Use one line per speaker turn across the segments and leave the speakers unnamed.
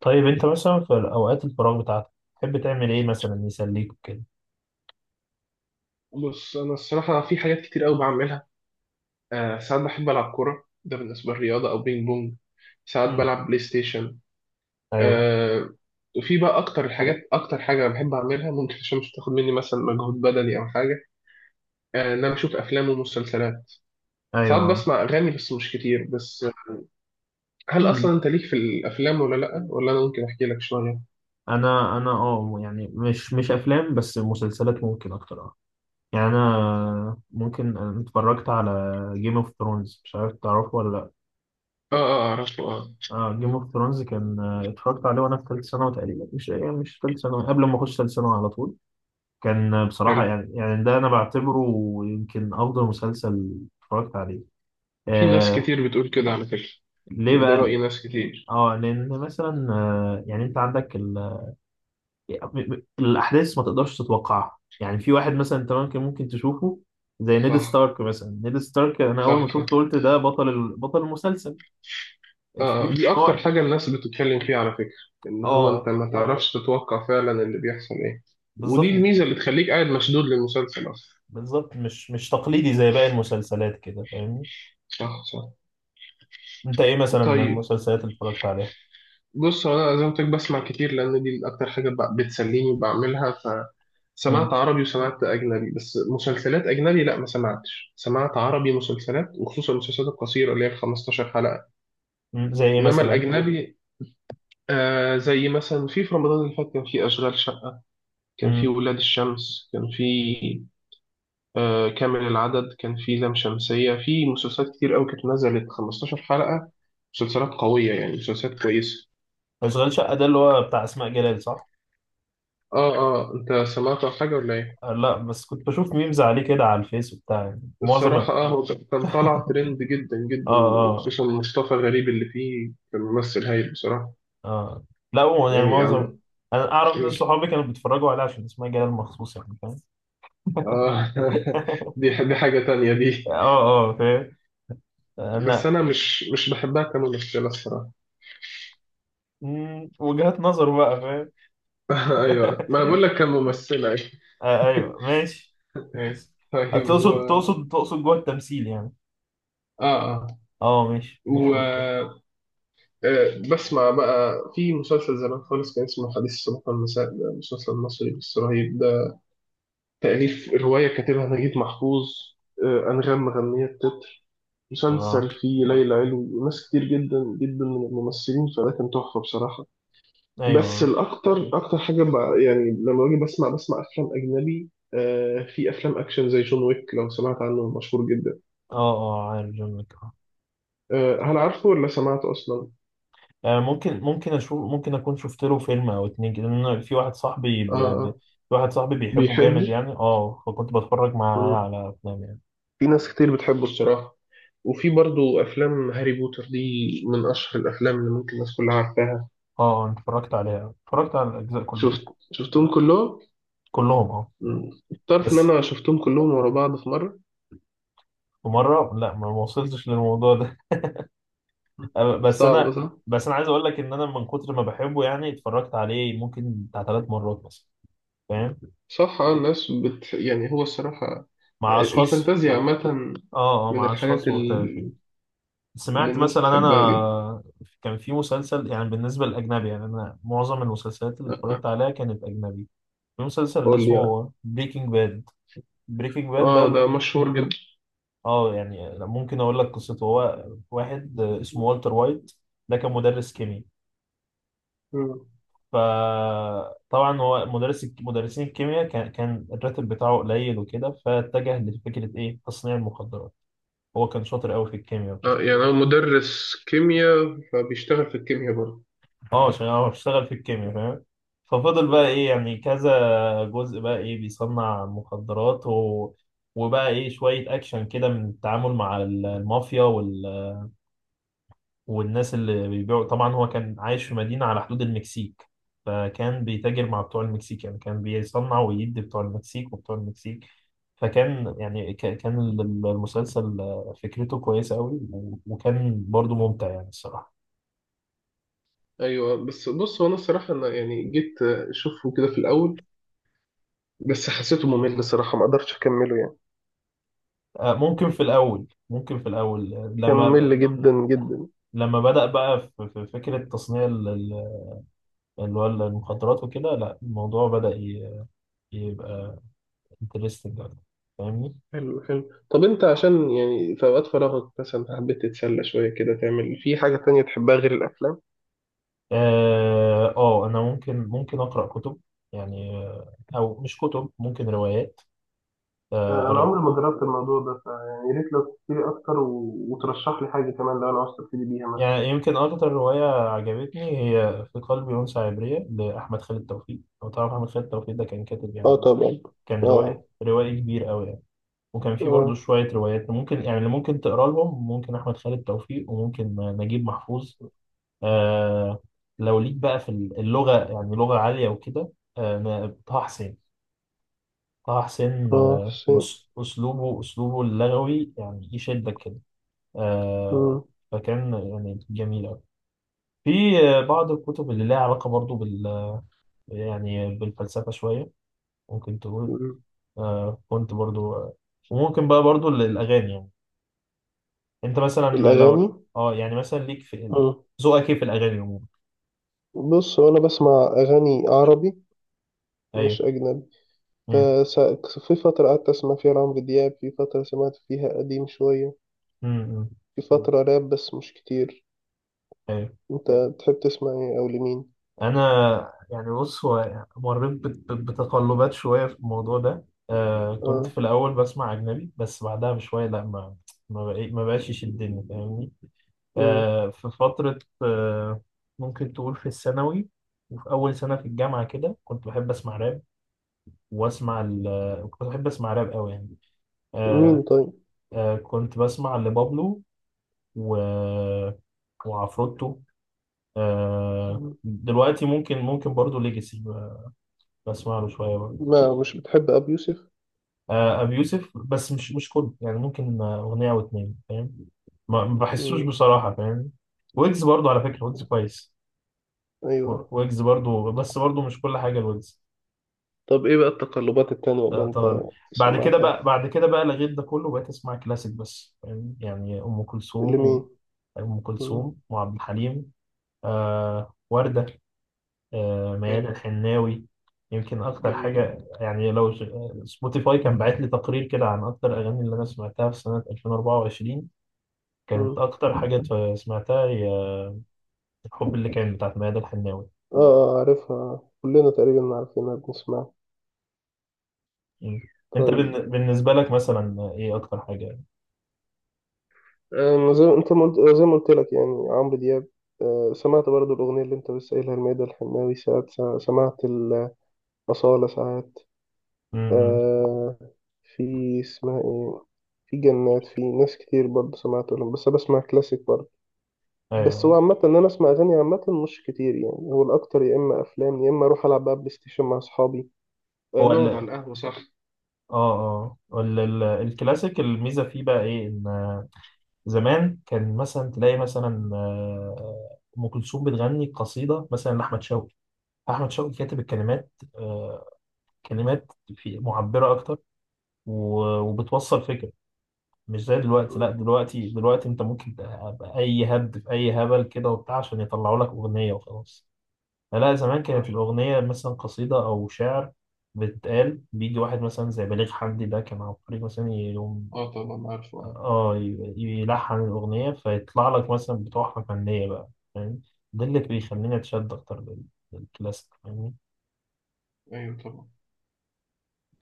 طيب انت مثلا في اوقات الفراغ بتاعتك تحب تعمل ايه مثلا يسليك وكده؟
بص انا الصراحه في حاجات كتير قوي بعملها. ساعات بحب العب كوره، ده بالنسبه للرياضه، او بينج بونج. ساعات
امم.
بلعب بلاي ستيشن.
ايوه.
آه وفي بقى اكتر الحاجات، اكتر حاجه بحب اعملها ممكن عشان مش تاخد مني مثلا مجهود بدني او حاجه، ان انا بشوف افلام ومسلسلات. ساعات
ايوه.
بسمع اغاني بس مش كتير. بس هل اصلا
امم.
انت ليك في الافلام ولا لا، ولا انا ممكن احكي لك شويه؟
انا يعني مش افلام، بس مسلسلات ممكن اكتر يعني انا ممكن أنا اتفرجت على جيم اوف ثرونز. مش عارف تعرفه ولا لا؟
اه اه، اعرفه اه.
اه، جيم اوف ثرونز كان اتفرجت عليه وانا في ثالث ثانوي تقريبا، مش ثالث ثانوي، قبل ما اخش ثالث ثانوي على طول. كان
حلو.
بصراحة، يعني ده انا بعتبره يمكن افضل مسلسل اتفرجت عليه
في ناس
آه
كتير بتقول كده على فكره.
ليه
يعني ده راي
بقى؟
ناس كتير.
اه، لان مثلا يعني انت عندك الاحداث ما تقدرش تتوقعها. يعني في واحد مثلا انت ممكن تشوفه زي نيد
صح
ستارك. مثلا نيد ستارك انا اول
صح
ما
صح.
شفته قلت ده بطل المسلسل.
آه،
اتفاجئت ان
دي أكتر
هو
حاجة الناس بتتكلم فيها على فكرة، إن هو أنت
اه
ما تعرفش تتوقع فعلا اللي بيحصل إيه. ودي
بالظبط.
الميزة اللي تخليك قاعد مشدود للمسلسل أصلا.
بالظبط، مش تقليدي زي باقي المسلسلات كده، فاهمني؟
صح صح.
انت ايه مثلا من
طيب،
المسلسلات اللي اتفرجت عليها؟
بص هو أنا زي ما قلت لك بسمع كتير لأن دي أكتر حاجة بتسليني وبعملها. فسمعت
مم.
عربي وسمعت أجنبي، بس مسلسلات أجنبي لا ما سمعتش، سمعت عربي مسلسلات، وخصوصا المسلسلات القصيرة اللي هي ال 15 حلقة.
مم. زي ايه
إنما
مثلا؟
الأجنبي. آه، زي مثلا في رمضان اللي فات كان في أشغال شقة، كان في
امم.
ولاد الشمس، كان في كامل العدد، كان في لام شمسية، في مسلسلات كتير قوي كانت نزلت 15 حلقة. مسلسلات قوية يعني مسلسلات كويسة.
اشغال شقه ده اللي هو بتاع اسماء جلال، صح؟
اه اه، انت سمعت عن حاجة ولا ايه؟
آه، لا، بس كنت بشوف ميمز عليه كده على الفيس وبتاع، يعني معظم
الصراحة اه هو كان طالع ترند جدا جدا.
اه.
وخصوصا مصطفى غريب اللي فيه، كان ممثل هايل بصراحة.
اه، لا هو يعني
يعني
معظم.
عم...
انا اعرف ناس صحابي كانوا بيتفرجوا عليها عشان اسمها جلال مخصوص، يعني فاهم؟
اه دي دي حاجة تانية دي.
اه، اه، فاهم.
بس
انا.
انا مش بحبها كممثلة الصراحة.
وجهات نظر بقى، فاهم؟
ايوه ما أنا بقول لك كممثلة.
آه، ايوه، ماشي. ماشي.
طيب
تقصد تقصد تقصد جوه التمثيل يعني؟
اه
اه، ماشي، مفيش مشكلة.
اه، بسمع بقى في مسلسل زمان خالص كان اسمه حديث الصباح والمساء، ده مسلسل مصري بس رهيب ده. تأليف رواية كاتبها نجيب محفوظ. آه، أنغام مغنية التتر.
اه،
مسلسل فيه ليلى علوي وناس كتير جدا جدا من الممثلين، فده كان تحفة بصراحة. بس
ايوه.
الأكتر، أكتر حاجة بقى يعني لما باجي بسمع، بسمع أفلام أجنبي، آه، في أفلام أكشن زي جون ويك، لو سمعت عنه مشهور جدا.
اه، اه، عارف جون ويك
آه، هل عارفه ولا سمعته أصلا؟
ممكن اشوف، ممكن اكون شفت له فيلم او اتنين كده، لان أنا في واحد صاحبي
آه اه آه
في واحد صاحبي بيحبه جامد،
بيحبه؟
يعني فكنت بتفرج معاه على افلام يعني.
في ناس كتير بتحبه الصراحة. وفي برضو أفلام هاري بوتر دي، من أشهر الأفلام اللي ممكن الناس كلها عارفاها.
اه، أنا اتفرجت عليها، اتفرجت على الاجزاء كلها.
شفت، شفتهم كلهم؟
كلهم
مم. تعرف إن
بس.
أنا شفتهم كلهم ورا بعض في مرة؟
في مره، لا، ما وصلتش للموضوع ده. بس
صعب
انا.
صح؟
بس انا عايز اقول لك ان انا من كتر ما بحبه، يعني اتفرجت عليه ممكن بتاع 3 مرات مثلا. فاهم.
صح، آه، الناس يعني هو الصراحة
مع اشخاص.
الفانتازيا عامة
اه، اه،
من
مع
الحاجات
اشخاص مختلفين.
اللي
سمعت
الناس
مثلا
تحبها جدا.
انا. كان في مسلسل، يعني بالنسبه للاجنبي، يعني انا معظم المسلسلات اللي
آه،
اتفرجت عليها كانت اجنبي. في مسلسل اللي
قول لي يعني.
اسمه بريكنج باد. بريكنج باد
آه، ده
ده،
مشهور جدا.
اه، يعني ممكن اقول لك قصته. هو واحد اسمه والتر وايت. ده كان مدرس كيمياء.
مم.
فطبعا هو مدرس، مدرسين الكيمياء كان الراتب بتاعه قليل وكده، فاتجه لفكره ايه، تصنيع المخدرات. هو كان شاطر قوي في الكيمياء وكده.
آه يعني هو مدرس كيمياء فبيشتغل في الكيمياء.
اه، عشان هو اشتغل في الكيمياء، فاهم؟ ففضل بقى ايه،
برضه.
يعني كذا جزء بقى ايه بيصنع مخدرات وبقى ايه شويه اكشن كده من التعامل مع المافيا والناس اللي بيبيعوا. طبعا هو كان عايش في مدينة على حدود المكسيك، فكان بيتاجر مع بتوع المكسيك، يعني كان بيصنع ويدي بتوع المكسيك وبتوع المكسيك. فكان يعني كان المسلسل فكرته كويسة قوي، وكان برضو ممتع يعني الصراحة.
ايوه بس بص هو انا الصراحه انا يعني جيت اشوفه كده في الاول، بس حسيته ممل الصراحه، ما قدرتش اكمله يعني.
ممكن في الأول، ممكن في الأول
كان
لما،
ممل جدا جدا.
لما بدأ بقى في فكرة تصنيع اللي هو المخدرات وكده، لا الموضوع بدأ يبقى انترستنج، فاهمني؟
حلو حلو. طب انت عشان يعني في اوقات فراغك مثلا حبيت تتسلى شويه كده، تعمل في حاجه تانية تحبها غير الافلام؟
اه، انا ممكن اقرا كتب. يعني او مش كتب، ممكن روايات.
آه، انا
آه، أر-
عمري ما جربت الموضوع ده، فيعني يا ريت لو تحكي لي اكتر وترشح لي حاجه كمان لو انا عاوز ابتدي بيها مثلا.
يعني يمكن اكتر روايه عجبتني هي في قلبي انثى عبريه لاحمد خالد توفيق. لو تعرف، احمد خالد توفيق ده كان كاتب
اه
يعني،
طبعا.
كان روائي
اه
روائي كبير قوي يعني. وكان في برضه
اه.
شويه روايات ممكن، يعني اللي ممكن تقرا لهم، ممكن احمد خالد توفيق، وممكن نجيب محفوظ. آه، لو ليك بقى في اللغه، يعني لغه عاليه وكده، طه حسين. طه حسين
اه شيء.
أسلوبه اللغوي يعني يشدك كده. آه،
مم.
فكان يعني جميل أوي. في بعض الكتب اللي لها علاقة برضو بال، يعني بالفلسفة شوية، ممكن تقول.
مم.
كنت برضو وممكن بقى برضو الأغاني يعني. أنت مثلا، لو،
الاغاني.
اه يعني مثلا ليك في،
مم.
ذوقك إيه في الأغاني عموما؟
بص هو انا بسمع اغاني عربي
أيوه.
مش أجنبي.
أمم،
في فترة قعدت أسمع فيها عمرو دياب، في فترة سمعت فيها قديم شوية،
أمم، أمم.
في فترة راب بس مش كتير.
أيوه.
أنت بتحب تسمع إيه أو لمين؟
انا يعني بص، هو مريت بتقلبات شويه في الموضوع ده. كنت
آه.
في الاول بسمع اجنبي، بس بعدها بشويه لا، ما بقاش يشدني، فاهمني؟
مم.
في فتره ممكن تقول في الثانوي وفي اول سنه في الجامعه كده كنت بحب اسمع راب واسمع كنت بحب اسمع راب قوي يعني. آه
مين طيب؟
كنت بسمع لبابلو و... وعفروتو.
مم.
دلوقتي ممكن برضو ليجاسي، بسمع له شويه برضو.
ما مش بتحب أبي يوسف؟
ابي يوسف بس مش كله، يعني ممكن اغنيه او اتنين، فاهم؟ ما بحسوش
مم.
بصراحه، فاهم؟ ويجز برضو على فكره، ويجز كويس.
أيوه.
ويجز برضو، بس برضو مش كل حاجه الويجز.
طب إيه بقى التقلبات التانية اللي
ده
أنت
طبعا. بعد كده
سمعتها؟
بقى بعد كده بقى لغيت ده كله وبقيت اسمع كلاسيك بس، فاهم؟ يعني ام كلثوم
لمين؟
ام
مم.
كلثوم وعبد الحليم، ورده،
حلو.
ميادة الحناوي. يمكن اكتر
جميل.
حاجه، يعني سبوتيفاي كان باعت لي تقرير كده عن اكتر الاغاني اللي انا سمعتها في سنه 2024، كانت
مم.
أكتر حاجة سمعتها هي الحب، اللي كان بتاعت ميادة الحناوي.
آه آه عارفها، كلنا تقريبا عارفينها بنسمعها.
مم. أنت
طيب،
بالنسبة لك مثلا إيه أكتر حاجة؟
أنا زي انت ما قلت- زي ما قلت لك يعني عمرو دياب، آه، سمعت برضو الأغنية اللي أنت لسه قايلها الميادة الحناوي ساعات، سمعت الأصالة ساعات،
امم.
آه، في اسمها إيه، في جنات، في ناس كتير برضو سمعت لهم، بس أنا بسمع كلاسيك برضو. بس هو
أيوه.
عامة إن أنا أسمع أغاني عامة مش كتير، يعني هو الأكتر يا إما أفلام يا إما أروح ألعب بقى بلاي ستيشن مع أصحابي، آه،
هو
نقعد على
ال
القهوة صح.
الكلاسيك الميزة فيه بقى إيه، إن زمان كان مثلا تلاقي مثلا أم كلثوم بتغني قصيدة مثلا لأحمد شوقي. أحمد شوقي كاتب الكلمات كلمات في معبرة أكتر، وبتوصل فكرة. مش زي دلوقتي، لا،
مم،
دلوقتي انت ممكن تبقى اي هبد في اي هبل كده وبتاع، عشان يطلعوا لك اغنيه وخلاص. لا، زمان
صح.
كانت الاغنيه مثلا قصيده او شعر بتقال. بيجي واحد مثلا زي بليغ حمدي، ده كان عبقري مثلا، يقوم
اه طبعا عارفه اه.
اه يلحن الاغنيه، فيطلع لك مثلا بتوع فنيه بقى، فاهم؟ ده اللي بيخليني اتشد اكتر للكلاسيك، فاهمني؟
ايوه طبعا.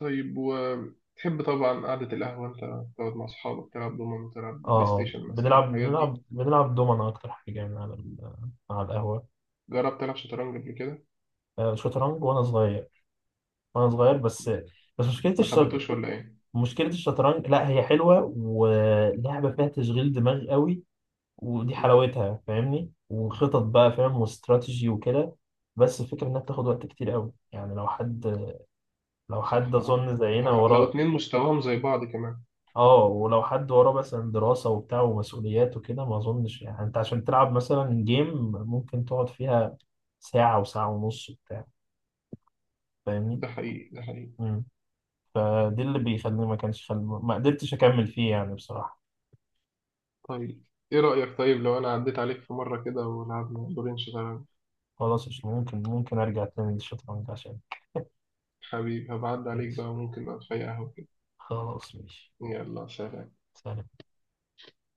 طيب وتحب طبعا قعدة القهوة، أنت تقعد مع أصحابك تلعب دومنة،
اه،
تلعب بلاي ستيشن مثلا،
بنلعب
الحاجات دي.
بنلعب بنلعب دومنا اكتر حاجه يعني على على القهوه.
جربت تلعب شطرنج قبل كده؟
شطرنج وانا صغير، وانا صغير بس. بس مشكله
ما
الشطر...
حبيتوش ولا إيه؟
مشكله الشطرنج، لا هي حلوه، ولعبه فيها تشغيل دماغ قوي، ودي
مم.
حلاوتها، فاهمني؟ وخطط بقى، فاهم؟ واستراتيجي وكده. بس الفكره انها بتاخد وقت كتير قوي، يعني لو حد
صح آه.
اظن
لو
زينا
لو
وراه.
اتنين مستواهم زي بعض كمان.
اه، ولو حد وراه مثلا دراسه وبتاع ومسؤوليات وكده، ما اظنش يعني. انت عشان تلعب مثلا جيم ممكن تقعد فيها ساعه، وساعه ونص وبتاع، فاهمني؟
ده حقيقي ده حقيقي.
مم. فدي اللي بيخليني، ما كانش خل... ما قدرتش اكمل فيه يعني بصراحه.
طيب إيه رأيك طيب لو أنا عديت عليك في مرة كده ولعبنا دورين شطرنج؟
خلاص، مش ممكن ممكن أرجع تاني للشطرنج عشان.
حبيبي هبعد عليك بقى، ممكن نقعد في أي قهوة كده.
خلاص، ماشي.
يلا سلام.
سلام.